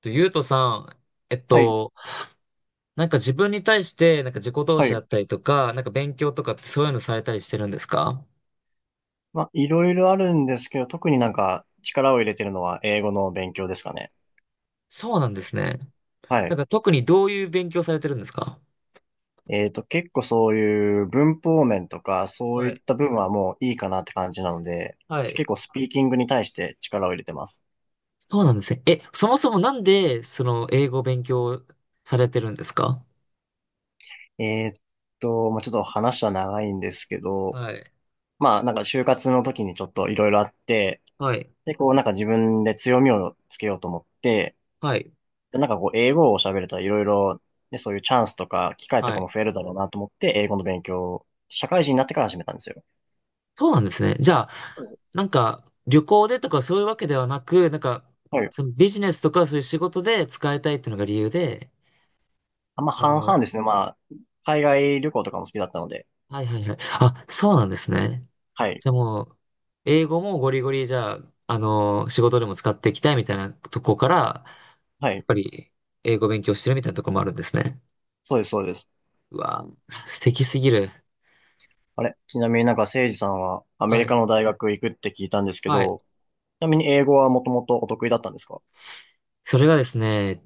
と、ゆうとさん、えっはい、と、なんか自分に対して、自己投は資だい。ったりとか、勉強とかってそういうのされたりしてるんですか？まあ、いろいろあるんですけど、特になんか力を入れてるのは英語の勉強ですかね。そうなんですね。はなんい。か特にどういう勉強されてるんですか？結構そういう文法面とか、そうはいっい。た部分はもういいかなって感じなので、はい。結構スピーキングに対して力を入れてます。そうなんですね。え、そもそもなんで、その、英語を勉強されてるんですか？えっまあ、ちょっと話は長いんですけど、はい。まあ、なんか就活の時にちょっといろいろあって、はい。で、こうなんか自分で強みをつけようと思って、はい。で、なんかこう、英語を喋れたらいろいろ、ね、そういうチャンスとか、機会とはかい。も増えるだろうなと思って、英語の勉強を、社会人になってから始めたんですよ。そうなんですね。じゃあ、そうですね。なんか、旅行でとかそういうわけではなく、なんか、はい。そのビジネスとかそういう仕事で使いたいっていうのが理由で、あんまあ半の、々ですね。まあ、海外旅行とかも好きだったので。はいはいはい。あ、そうなんですね。はい。じゃあもう、英語もゴリゴリじゃあ、あの、仕事でも使っていきたいみたいなとこから、やはっい。ぱり英語勉強してるみたいなとこもあるんですね。そうです、そうです。うわ、素敵すぎる。あれちなみになんか、誠司さんはアメはリカい。の大学行くって聞いたんですけはい。ど、ちなみに英語はもともとお得意だったんですか？それがですね、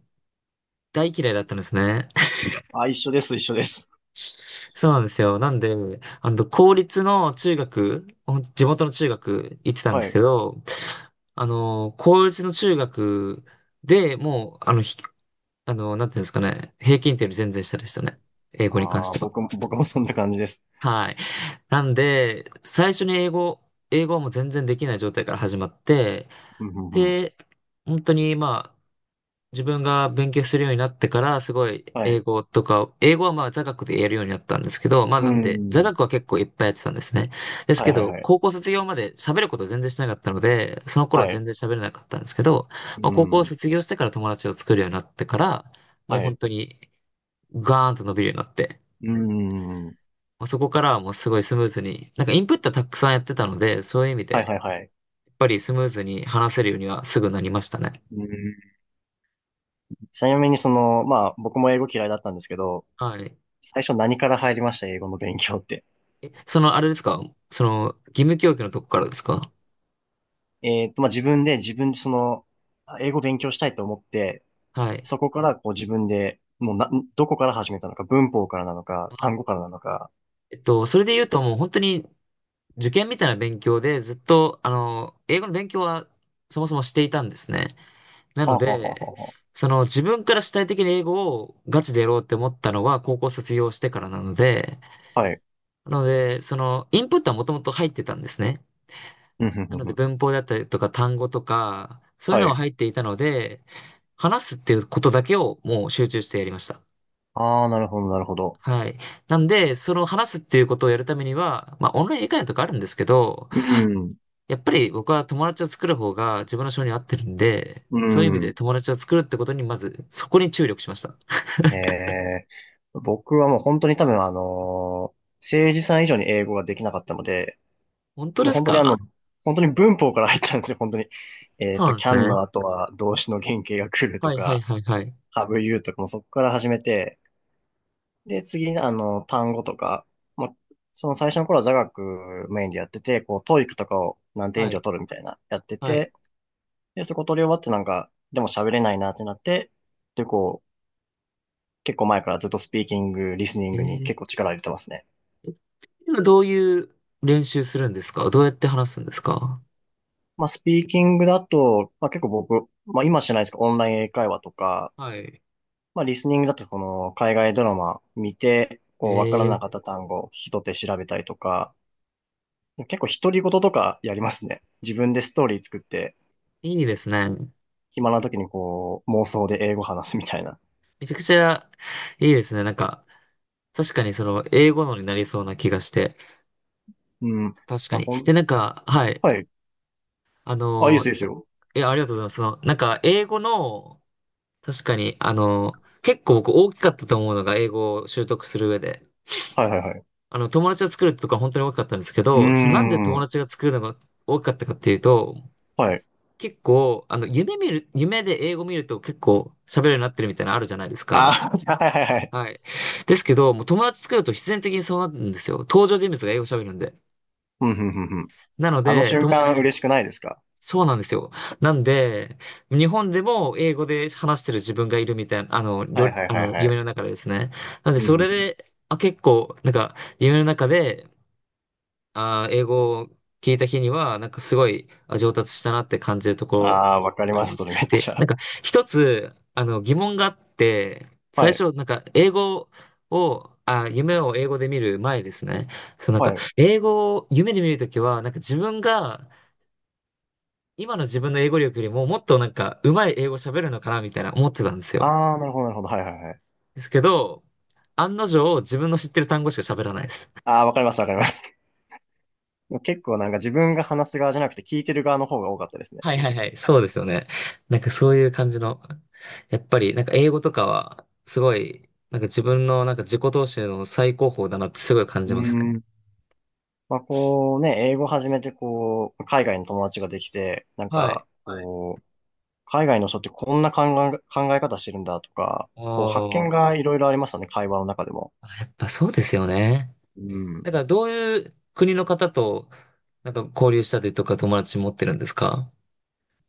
大嫌いだったんですね。あ、一緒です、一緒です。そうなんですよ。なんで、あの、公立の中学、ほん地元の中学行ってたんではすい。けど、あの、公立の中学でもう、あの、ひ、あの、なんていうんですかね、平均点より全然下でしたね。英語に関しああ、ては。僕もそんな感じです。はい。なんで、最初に英語、英語はもう全然できない状態から始まって、うん、うん、うん。で、本当に、まあ、自分が勉強するようになってから、すごいは英い。語とか、英語はまあ座学でやるようになったんですけど、まあうなんで、座ん。学は結構いっぱいやってたんですね。ですはい、けはい、ど、は高い。校卒業まで喋ること全然しなかったので、その頃ははい。全然喋れなかったんですけど、まあう高校ん。卒業してから友達を作るようになってから、もうは本い。当にガーンと伸びるようになって、うーん。まあそこからはもうすごいスムーズに、なんかインプットはたくさんやってたので、そういう意味はいで、はいはい。やっぱりスムーズに話せるようにはすぐなりましたね。うーん。ちなみにその、まあ僕も英語嫌いだったんですけど、はい。最初何から入りました英語の勉強って？え、その、あれですか？その、義務教育のとこからですか？まあ自分でその、あ、英語勉強したいと思って、はい。そこからこう自分で、もうな、どこから始めたのか、文法からなのか、あ、単語からなのか。えっと、それで言うともう本当に受験みたいな勉強でずっと、あの、英語の勉強はそもそもしていたんですね。なはのあ、はあはあで、はその自分から主体的に英語をガチでやろうって思ったのは高校卒業してからなので、あはあはい。なので、その、インプットはもともと入ってたんですね。うん、ふんなふんのふで、ん。文法だったりとか単語とか、そういうはのはい。入っていたので、話すっていうことだけをもう集中してやりました。ああ、なるほど、なるほど。はい。なんで、その話すっていうことをやるためには、まあ、オンライン以外とかあるんですけど、うん。やっぱり僕は友達を作る方が自分の性に合ってるんで、うそういう意味でん。友達を作るってことに、まず、そこに注力しました。ええ、僕はもう本当に多分政治さん以上に英語ができなかったので、本当もうです本当にか？本当に文法から入ったんですよ、本当に。そうなんです can のね。後は動詞の原型が来るとはいはいか、はいはい。have you とかもそこから始めて、で、次に単語とか、まあ、その最初の頃は座学メインでやってて、こう、ト o e とかを何点以は上い。取るみたいな、やってはい。て、で、そこ取り終わってなんか、でも喋れないなってなって、で、こう、結構前からずっとスピーキング、リスニえングにー、結構力入れてますね。え、今どういう練習するんですか？どうやって話すんですか？まあ、スピーキングだと、まあ、結構僕、まあ、今しないですけど、オンライン英会話とか、はい。まあ、リスニングだと、この、海外ドラマ見て、えこう、わからー、なかった単語、聞き取って調べたりとか、結構独り言とかやりますね。自分でストーリー作って、いいですね。暇な時にこう、妄想で英語話すみたいな。めちゃくちゃいいですね。なんか、確かにその英語のになりそうな気がして。うん。確かまあ、に。で、なんか、はい。はい。ああ、いいでのすよ、いいですー、よ。え、ありがとうございます。その、なんか、英語の、確かに、あのー、結構僕大きかったと思うのが、英語を習得する上で。はいはいはい。あの、友達を作るとか本当に大きかったんですけうーど、そのなんで友ん。達が作るのが大きかったかっていうと、はい。結構、あの、夢見る、夢で英語見ると結構喋るようになってるみたいなのあるじゃないですか。あー、はいはいはい。はい。ですけど、もう友達作ると必然的にそうなるんですよ。登場人物が英語喋るんで。うん、うん、うん、うん。なのあので、瞬と、間嬉しくないですか？そうなんですよ。なんで、日本でも英語で話してる自分がいるみたいな、あの、りはいょ、はいあはいの、は夢い。の中でですね。なんで、うん、うそん、うれん。で、あ、結構、なんか、夢の中で、あー、英語を聞いた日には、なんかすごい、あ、上達したなって感じるところああ、わかりあまります、そす。れめっで、ちなんゃ。か、一つ、あの、疑問があって、は最い、初、なんか、英語を、あ、夢を英語で見る前ですね。そう、なんはか、い。英語を夢で見るときは、なんか自分が、今の自分の英語力よりももっとなんか上手い英語喋るのかなみたいな思ってたんですよ。ああ、なるほど、なるほど。はいはいはい。ですけど、案の定自分の知ってる単語しか喋らないです。ああ、わかります、わかります。もう結構なんか自分が話す側じゃなくて聞いてる側の方が多かったですね。はいはいはい、そうですよね。なんかそういう感じの、やっぱりなんか英語とかはすごい、なんか自分のなんか自己投資の最高峰だなってすごい感うじますね。ん。まあこうね、英語始めてこう、海外の友達ができて、なんはい。か、はい。こう、海外の人ってこんな考え、考え方してるんだとか、おこう発見ー、がいろいろありましたね、会話の中でも。あ、やっぱそうですよね。うん。だからどういう国の方となんか交流したりとか友達持ってるんですか？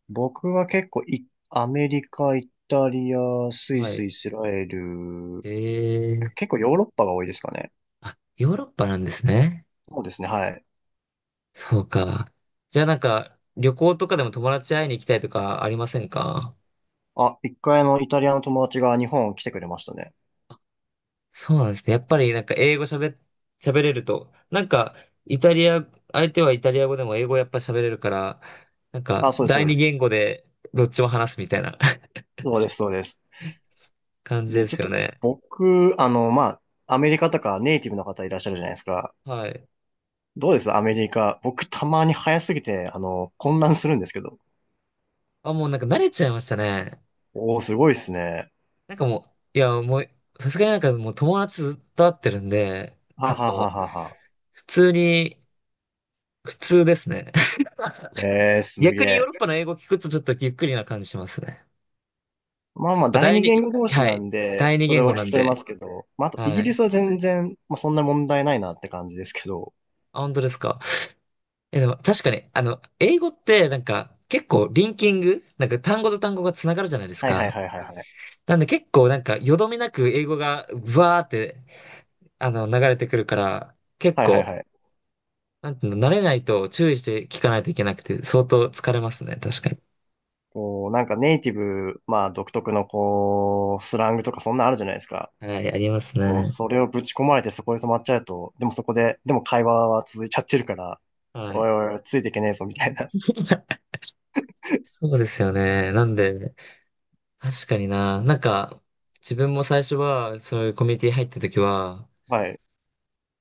僕は結構い、アメリカ、イタリア、スイはス、い。イスラエル、え結え、構ヨーロッパが多いですかね。あ、ヨーロッパなんですね。そうですね、はい。そうか。じゃあなんか、旅行とかでも友達会いに行きたいとかありませんか？あ、一回イタリアの友達が日本来てくれましたね。そうなんですね。やっぱりなんか英語喋っ、喋れると、なんか、イタリア、相手はイタリア語でも英語やっぱ喋れるから、なんか、あ、そうです、そ第う二です。言語でどっちも話すみたいな そうです、そうです。感じでで、ちょっすよとね。僕、まあ、アメリカとかネイティブの方いらっしゃるじゃないですか。はい。どうですアメリカ？僕たまに早すぎて、混乱するんですけど。あ、もうなんか慣れちゃいましたね。おー、すごいですね。なんかもう、いや、もう、さすがになんかもう友達ずっと会ってるんで、なはんかはもはう、はは。普通に、普通ですね。えー、すげ逆にヨーロッえ。パの英語聞くとちょっとゆっくりな感じしますね。まあやまっあ、ぱ第第二二、言語同士はない。んで、第二それ言語は聞なきん取れまで。すけど。まあ、あと、イはギリい。スは全然、まあ、そんな問題ないなって感じですけど。あ、本当ですか。え、でも確かに、あの、英語ってなんか結構リンキング、なんか単語と単語がつながるじゃないですはいはいか。はいはいはい。なんで結構なんかよどみなく英語がうわーって、あの、流れてくるから、結はいはい構、はい。なんていうの、慣れないと注意して聞かないといけなくて、相当疲れますね。確かに。こう、なんかネイティブ、まあ、独特のこう、スラングとかそんなあるじゃないですか。はい、ありますもうね。それをぶち込まれてそこで止まっちゃうと、でもそこで、でも会話は続いちゃってるから、はおいい。おいおい、ついていけねえぞ、みたいな。そうですよね。なんで、確かにな。なんか、自分も最初は、そういうコミュニティ入った時は、はい。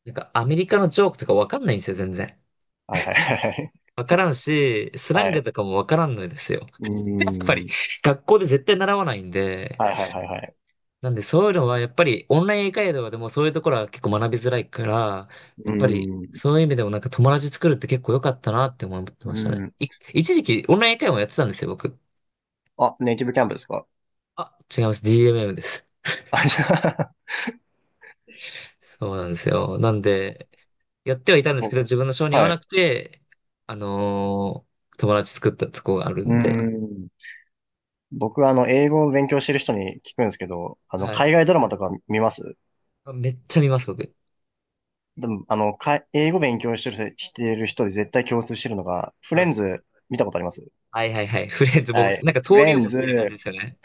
なんかアメリカのジョークとかわかんないんですよ、全然。はいはいはいはわからんし、スい。ラはングい。とかもわからんのですよ。うー やっぱり、ん。学校で絶対習わないんで。はいはいはいはい。なんで、そういうのは、やっぱり、オンライン英会話でもそういうところは結構学びづらいから、うやっぱり、ーん。そういう意味でもなんか友達作るって結構良かったなって思ってうましたね。ーん。い、一時期、オンライン英会話もやってたんですよ、僕。あ、ネイティブキャンプですか？あ、違います。DMM です。あ、じゃあ、そうなんですよ。なんで、やってはいたんですけ僕ど、自分の性に合わはい。なくて、あのー、友達作ったとこがあるうーんで、ん。僕は英語を勉強してる人に聞くんですけど、はい。海外ドラマとか見ます？めっちゃ見ます、僕。でも、英語勉強してる人で絶対共通してるのが、フレはい。ンズ見たことあります？はいはいはい。フレンズ、は僕い。なんかフ登レ竜ン門的な感じズ、ですよね。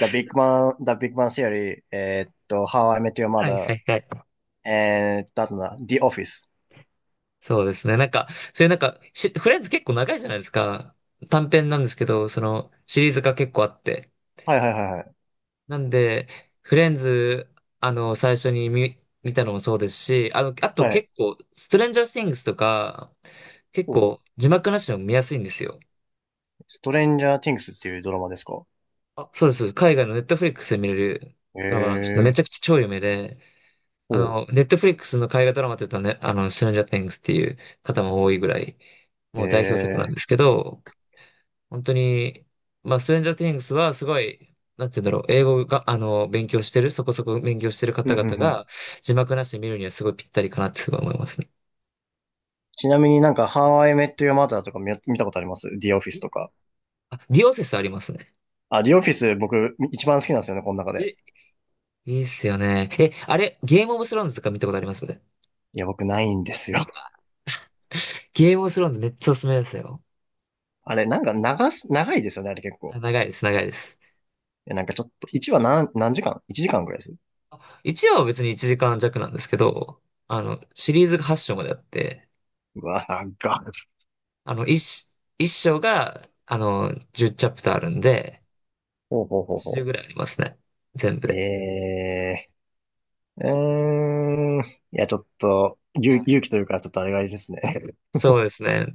The Big Bang Theory、How I Met Your はいは Mother、いはい。あとな、The Office。そうですね。なんか、そういうなんか、し、フレンズ結構長いじゃないですか。短編なんですけど、その、シリーズが結構あって。はいはいはいはい。なんで、フレンズ、あの、最初に見、見たのもそうですし、あの、あとはい。結構、ストレンジャー・スティングスとか、結おう、構、字幕なしでも見やすいんですよ。ストレンジャー・ティングスっていうドラマですか？あ、そうです。そうです、海外のネットフリックスで見れるへドラマなんですけど、めえ。ちゃくちゃ超有名で、あおう。の、ネットフリックスの海外ドラマって言ったらね、あの、ストレンジャー・ティングスっていう方も多いぐらい、へもう代表作なんえ。ですけど、本当に、まあ、ストレンジャー・ティングスはすごい、なんて言うんだろう、英語が、あの、勉強してる、そこそこ勉強してるふ方んふん々ふん。が、字幕なしで見るにはすごいぴったりかなってすごい思いますね。ちなみになんか、How I Met Your Mother とか見たことあります ?The Office え、とか。あ、ディオフィスありますね。あ、The Office 僕一番好きなんですよね、この中で。え、いいっすよね。え、あれ、ゲームオブスローンズとか見たことあります？いや、僕ないんですよ。ゲームオブスローンズめっちゃおすすめですよ。あれ、なんか長いですよね、あれ結構。あ、長いです、長いです。いや、なんかちょっと、1話何時間 ?1 時間ぐらいです。1話は別に1時間弱なんですけど、あの、シリーズが8章まであって、うわ、長っ。あの、1、一章が、あの、10チャプターあるんで、ほうほうほう80ほぐう。らいありますね。全部えで。えー、うーん。いや、ちょっと、勇、はい、勇気というか、ちょっとあれがいいですね。そうですね。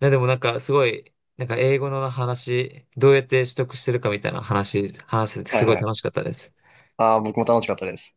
ね、でもなんかすごい、なんか英語の話、どうやって取得してるかみたいな話、話せて はいすごいは楽しい。かったです。ああ、僕も楽しかったです。